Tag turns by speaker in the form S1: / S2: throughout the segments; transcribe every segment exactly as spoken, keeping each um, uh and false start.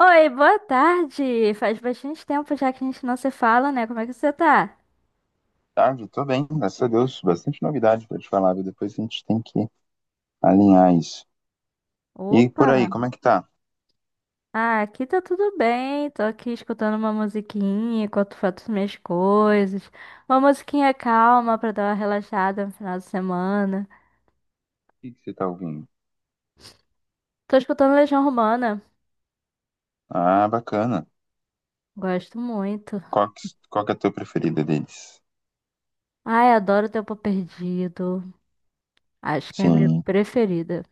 S1: Oi, boa tarde. Faz bastante tempo já que a gente não se fala, né? Como é que você tá?
S2: Tarde, tô bem, graças a Deus. Bastante novidade pra te falar, viu? Depois a gente tem que alinhar isso. E por
S1: Opa!
S2: aí, como é que tá? O
S1: Ah, aqui tá tudo bem. Tô aqui escutando uma musiquinha enquanto faço minhas coisas. Uma musiquinha calma pra dar uma relaxada no final de semana.
S2: que que você tá ouvindo?
S1: Tô escutando Legião Romana.
S2: Ah, bacana.
S1: Gosto muito.
S2: Qual que, qual que é a tua preferida deles?
S1: Ai, adoro Tempo Perdido. Acho que é a minha
S2: Sim,
S1: preferida.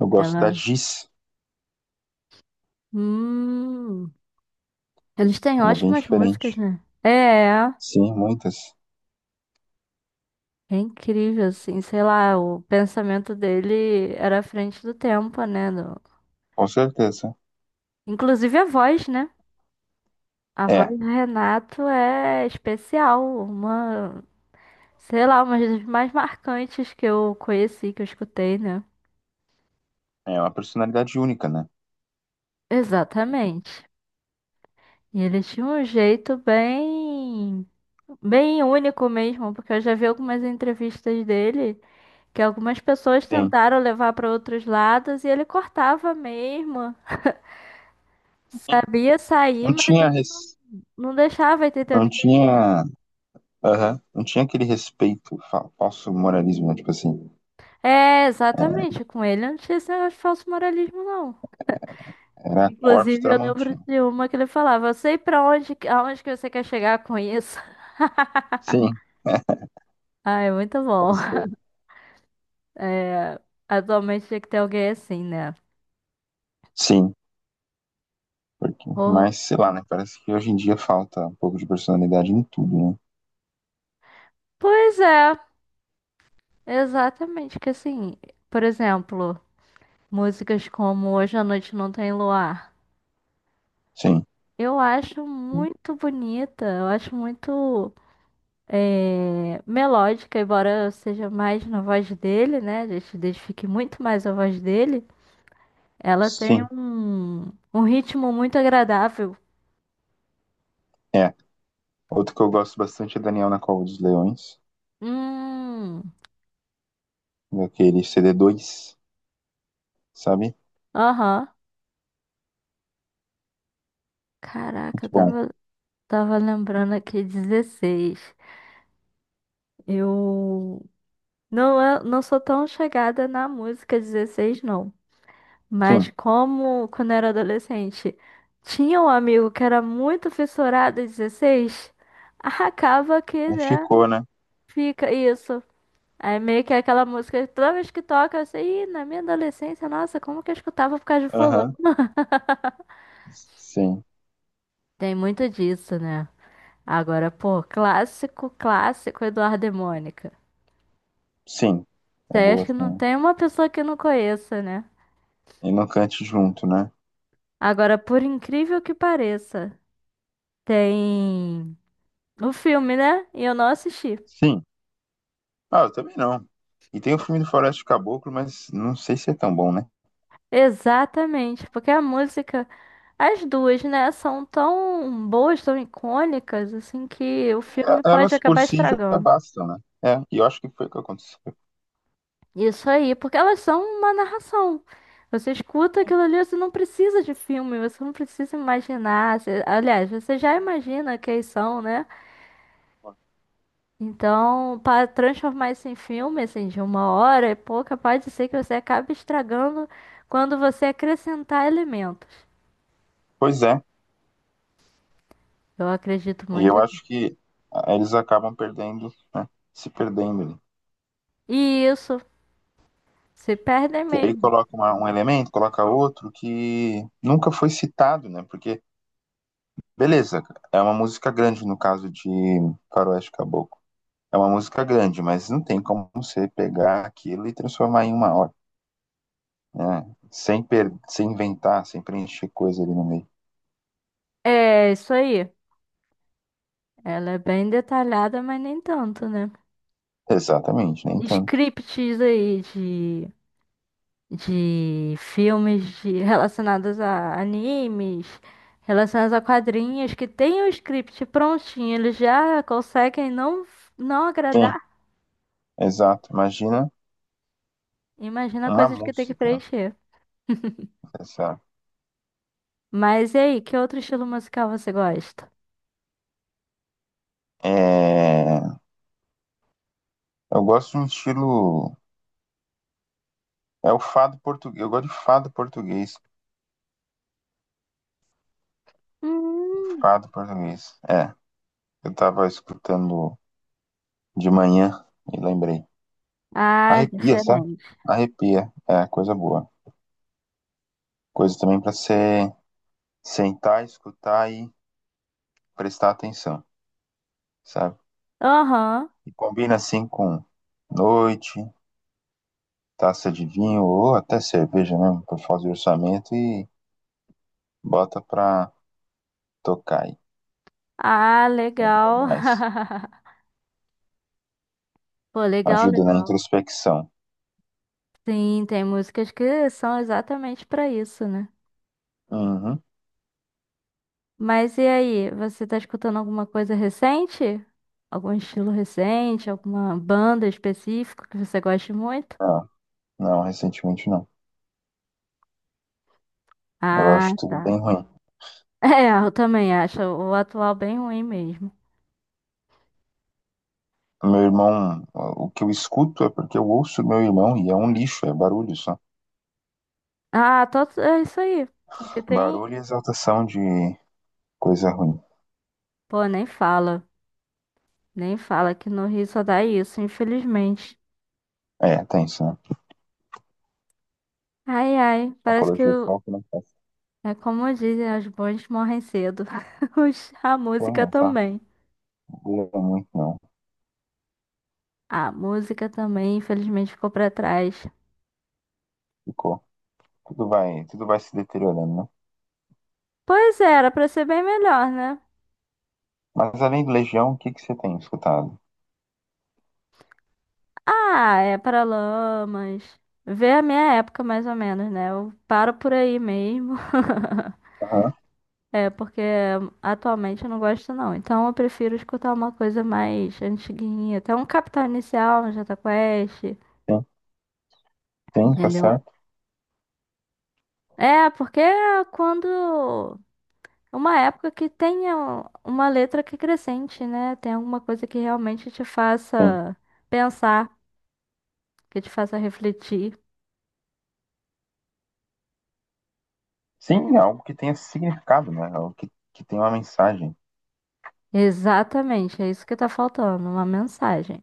S2: eu gosto da
S1: Ela.
S2: Giz.
S1: Hum. Eles têm
S2: Ela é bem
S1: ótimas músicas,
S2: diferente.
S1: né? É.
S2: Sim, muitas.
S1: É incrível, assim, sei lá, o pensamento dele era à frente do tempo, né? do-
S2: Com certeza.
S1: Inclusive a voz, né? A voz
S2: É,
S1: do Renato é especial, uma, sei lá, uma das mais marcantes que eu conheci, que eu escutei, né?
S2: é uma personalidade única, né?
S1: Exatamente. E ele tinha um jeito bem, bem único mesmo, porque eu já vi algumas entrevistas dele que algumas pessoas
S2: Sim.
S1: tentaram levar para outros lados e ele cortava mesmo. Sabia sair,
S2: Não
S1: mas
S2: tinha,
S1: ele não,
S2: res-
S1: não deixava ir
S2: não
S1: tentando.
S2: tinha, aham, não tinha aquele respeito, fa- falso moralismo, né? Tipo assim,
S1: É, exatamente, com ele não tinha esse negócio de falso moralismo, não.
S2: era corte
S1: Inclusive, eu lembro
S2: tramontina.
S1: de uma que ele falava, eu sei pra onde, que- aonde que você quer chegar com isso.
S2: Sim,
S1: Ah, é muito
S2: pode
S1: bom.
S2: ser.
S1: É, atualmente tinha que ter alguém assim, né?
S2: Sim. Porque,
S1: Porra.
S2: mas sei lá, né? Parece que hoje em dia falta um pouco de personalidade em tudo, né?
S1: Pois é, exatamente, que assim, por exemplo, músicas como Hoje à Noite Não Tem Luar.
S2: Sim.
S1: Eu acho muito bonita, eu acho muito. É, melódica, embora eu seja mais na voz dele, né? A gente identifique muito mais a voz dele. Ela tem
S2: Sim,
S1: um, um ritmo muito agradável.
S2: é. Outro que eu gosto bastante é Daniel na Cova dos Leões,
S1: Hum,
S2: daquele cd dois, sabe?
S1: aham. Caraca,
S2: Muito
S1: eu
S2: bom.
S1: tava, tava lembrando aqui dezesseis. Eu não, é- não sou tão chegada na música dezesseis não.
S2: Sim,
S1: Mas como quando eu era adolescente, tinha um amigo que era muito fissurado em dezesseis, acaba que, né?
S2: ficou, né?
S1: Fica isso. Aí meio que é aquela música, que toda vez que toca, eu sei, "Ih, na minha adolescência, nossa, como que eu escutava por causa de fulano?"
S2: Aham. Sim,
S1: Tem muito disso, né? Agora, pô, clássico, clássico, Eduardo e Mônica.
S2: sim.
S1: Isso
S2: É
S1: aí acho
S2: boa
S1: que não
S2: também.
S1: tem uma pessoa que não conheça, né?
S2: E não cante junto, né?
S1: Agora, por incrível que pareça, tem o filme, né? E eu não assisti.
S2: Sim. Ah, eu também não. E tem o filme do Floresta do Caboclo, mas não sei se é tão bom, né?
S1: Exatamente, porque a música, as duas, né, são tão boas, tão icônicas, assim, que o
S2: E a-
S1: filme pode
S2: elas por
S1: acabar
S2: si já
S1: estragando.
S2: bastam, né? É, e eu acho que foi o que aconteceu.
S1: Isso aí, porque elas são uma narração. Você escuta aquilo ali, você não precisa de filme, você não precisa imaginar. Você- aliás, você já imagina quem são, né? Então, para transformar isso em filme, assim, de uma hora e pouca, pode ser que você acabe estragando quando você acrescentar elementos.
S2: Pois é.
S1: Eu acredito
S2: E
S1: muito
S2: eu
S1: nisso.
S2: acho que ah, eles acabam perdendo, né? Se perdendo ali.
S1: E isso, se perdem
S2: Que aí
S1: mesmo.
S2: coloca uma- um elemento, coloca outro que nunca foi citado, né? Porque, beleza, é uma música grande no caso de Faroeste Caboclo. É uma música grande, mas não tem como você pegar aquilo e transformar em uma hora, né? Sem, per- sem inventar, sem preencher coisa ali no meio.
S1: É, isso aí. Ela é bem detalhada, mas nem tanto, né?
S2: Exatamente, nem tanto.
S1: Scripts aí de. de filmes de- relacionados a animes, relacionados a quadrinhos, que tem o script prontinho, eles já conseguem não, não
S2: Sim,
S1: agradar.
S2: exato. Imagina
S1: Imagina
S2: uma
S1: coisas que tem que
S2: música, né?
S1: preencher.
S2: Essa...
S1: Mas e aí, que outro estilo musical você gosta?
S2: É... Eu gosto de um estilo. É o fado português. Eu gosto de fado português.
S1: Hum.
S2: Fado português. É, eu tava escutando de manhã e lembrei.
S1: Ah,
S2: Arrepia, sabe?
S1: diferente.
S2: Arrepia. É, coisa boa. Coisa também pra você sentar, escutar e prestar atenção, sabe?
S1: Aham.
S2: E combina assim com noite, taça de vinho ou até cerveja, né? Por fazer orçamento e bota pra tocar aí.
S1: Ah,
S2: É bom
S1: legal.
S2: demais.
S1: Pô, legal,
S2: Ajuda na
S1: legal.
S2: introspecção.
S1: Sim, tem músicas que são exatamente pra isso, né?
S2: Uhum.
S1: Mas e aí, você tá escutando alguma coisa recente? Algum estilo recente? Alguma banda específica que você goste muito?
S2: Não, não, recentemente não. Eu
S1: Ah,
S2: acho tudo
S1: tá.
S2: bem ruim.
S1: É, eu também acho o atual bem ruim mesmo.
S2: Meu irmão, o que eu escuto é porque eu ouço meu irmão e é um lixo, é barulho só.
S1: Ah, tô, é isso aí. Porque tem.
S2: Barulho e exaltação de coisa ruim.
S1: Pô, nem fala. Nem fala que no Rio só dá isso, infelizmente.
S2: É, tem isso, né?
S1: Ai, ai, parece que
S2: Apologia
S1: o-
S2: só que não faz
S1: é como dizem, os bons morrem cedo. Os- A
S2: tem
S1: música
S2: essa
S1: também.
S2: boa muito não.
S1: A música também, infelizmente, ficou pra trás.
S2: Ficou. Tudo vai, tudo vai se deteriorando, né?
S1: Pois é, era pra ser bem melhor, né?
S2: Mas além do Legião, o que que você tem escutado?
S1: Ah, é para lamas. Vê a minha época mais ou menos, né? Eu paro por aí mesmo.
S2: Aham,
S1: É, porque atualmente eu não gosto não. Então eu prefiro escutar uma coisa mais antiguinha. Até um Capital Inicial, um Jota Quest,
S2: tem, tem, tá
S1: entendeu?
S2: certo?
S1: É, porque é quando... Uma época que tenha uma letra que acrescente, né? Tem alguma coisa que realmente te
S2: Tem.
S1: faça pensar, que te faça refletir.
S2: Sim, é algo que tenha significado, né? É algo que, que tenha uma mensagem.
S1: Exatamente, é isso que tá faltando, uma mensagem.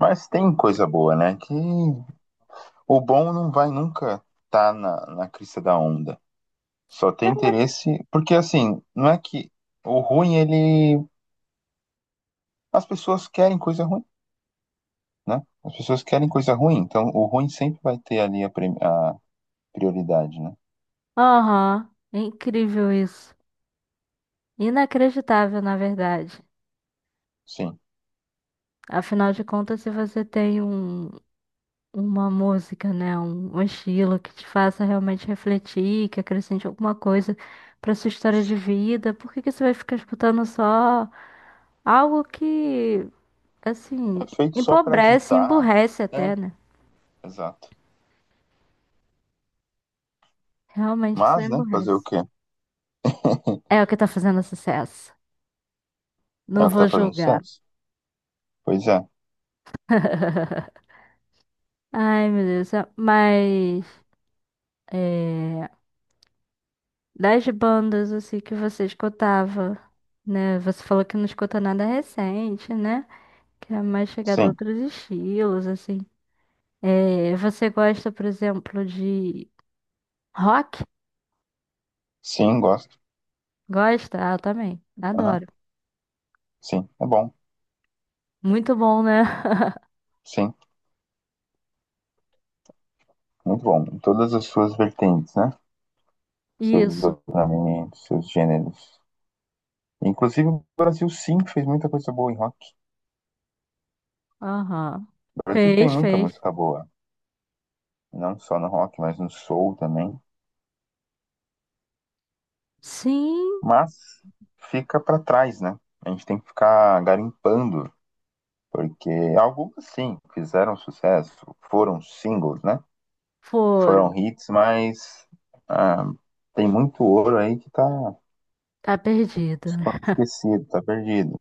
S2: Mas tem coisa boa, né? Que o bom não vai nunca estar na, na crista da onda. Só tem interesse. Porque, assim, não é que o ruim, ele. As pessoas querem coisa ruim, né? As pessoas querem coisa ruim. Então, o ruim sempre vai ter ali a, prim- a prioridade, né?
S1: Aham, é incrível isso. Inacreditável, na verdade.
S2: Sim.
S1: Afinal de contas, se você tem um, uma música, né, um, um estilo que te faça realmente refletir, que acrescente alguma coisa pra sua história de vida, por que que você vai ficar escutando só algo que, assim,
S2: É feito só pra
S1: empobrece,
S2: agitar.
S1: emburrece
S2: É,
S1: até, né?
S2: exato.
S1: Realmente só
S2: Mas, né? Fazer o
S1: emburrece.
S2: quê?
S1: É o que tá fazendo sucesso.
S2: É
S1: Não
S2: o que
S1: vou
S2: tá fazendo
S1: julgar.
S2: sucesso. Pois é.
S1: Ai, meu Deus. é- Mas é, das bandas assim que você escutava, né? Você falou que não escuta nada recente, né? Que é mais chegado a
S2: Sim.
S1: outros estilos, assim. É, você gosta, por exemplo, de rock?
S2: Sim, gosto.
S1: Gosta? Ah, eu também.
S2: Aham.
S1: Adoro.
S2: Sim, é bom.
S1: Muito bom, né?
S2: Sim, muito bom. Em todas as suas vertentes, né? Seus
S1: Isso.
S2: desdobramentos, seus gêneros. Inclusive, o Brasil sim fez muita coisa boa em rock.
S1: Aham.
S2: O Brasil tem
S1: Fez,
S2: muita
S1: fez.
S2: música boa, não só no rock, mas no soul também.
S1: Sim,
S2: Mas fica para trás, né? A gente tem que ficar garimpando, porque algumas sim fizeram sucesso, foram singles, né?
S1: foram.
S2: Foram hits, mas ah, tem muito ouro aí que tá
S1: Tá perdido. Né?
S2: esquecido, tá perdido.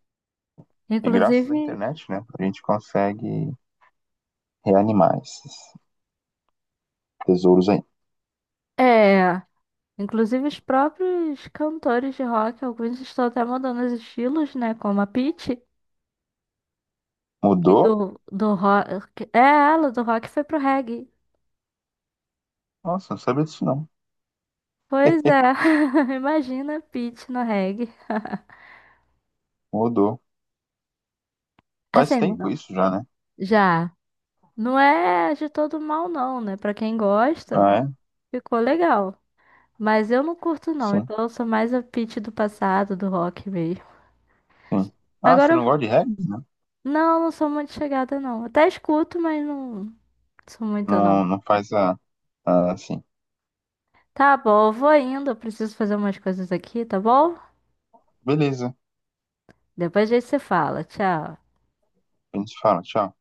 S2: E
S1: Inclusive,
S2: graças à internet, né, a gente consegue reanimar esses tesouros aí.
S1: é. Inclusive os próprios cantores de rock, alguns estão até mudando os estilos, né? Como a Pitty, que
S2: Mudou?
S1: do, do rock. É, ela do rock foi pro reggae.
S2: Nossa, não sabia disso não.
S1: Pois
S2: Eh,
S1: é, imagina a Pitty no reggae.
S2: mudou. Faz
S1: Assim,
S2: tempo
S1: não-
S2: isso já, né?
S1: já. Não é de todo mal, não, né? Pra quem gosta,
S2: Ah, é?
S1: ficou legal. Mas eu não curto, não.
S2: Sim,
S1: Então eu sou mais a Pitty do passado, do rock mesmo.
S2: sim. Ah,
S1: Agora,
S2: você não gosta
S1: eu-
S2: de regras, né?
S1: não, não sou muito chegada, não. Até escuto, mas não sou muito, não.
S2: Não, não faz a, a assim.
S1: Tá bom, eu vou indo. Eu preciso fazer umas coisas aqui, tá bom?
S2: Beleza,
S1: Depois a gente se fala. Tchau.
S2: a gente fala, tchau.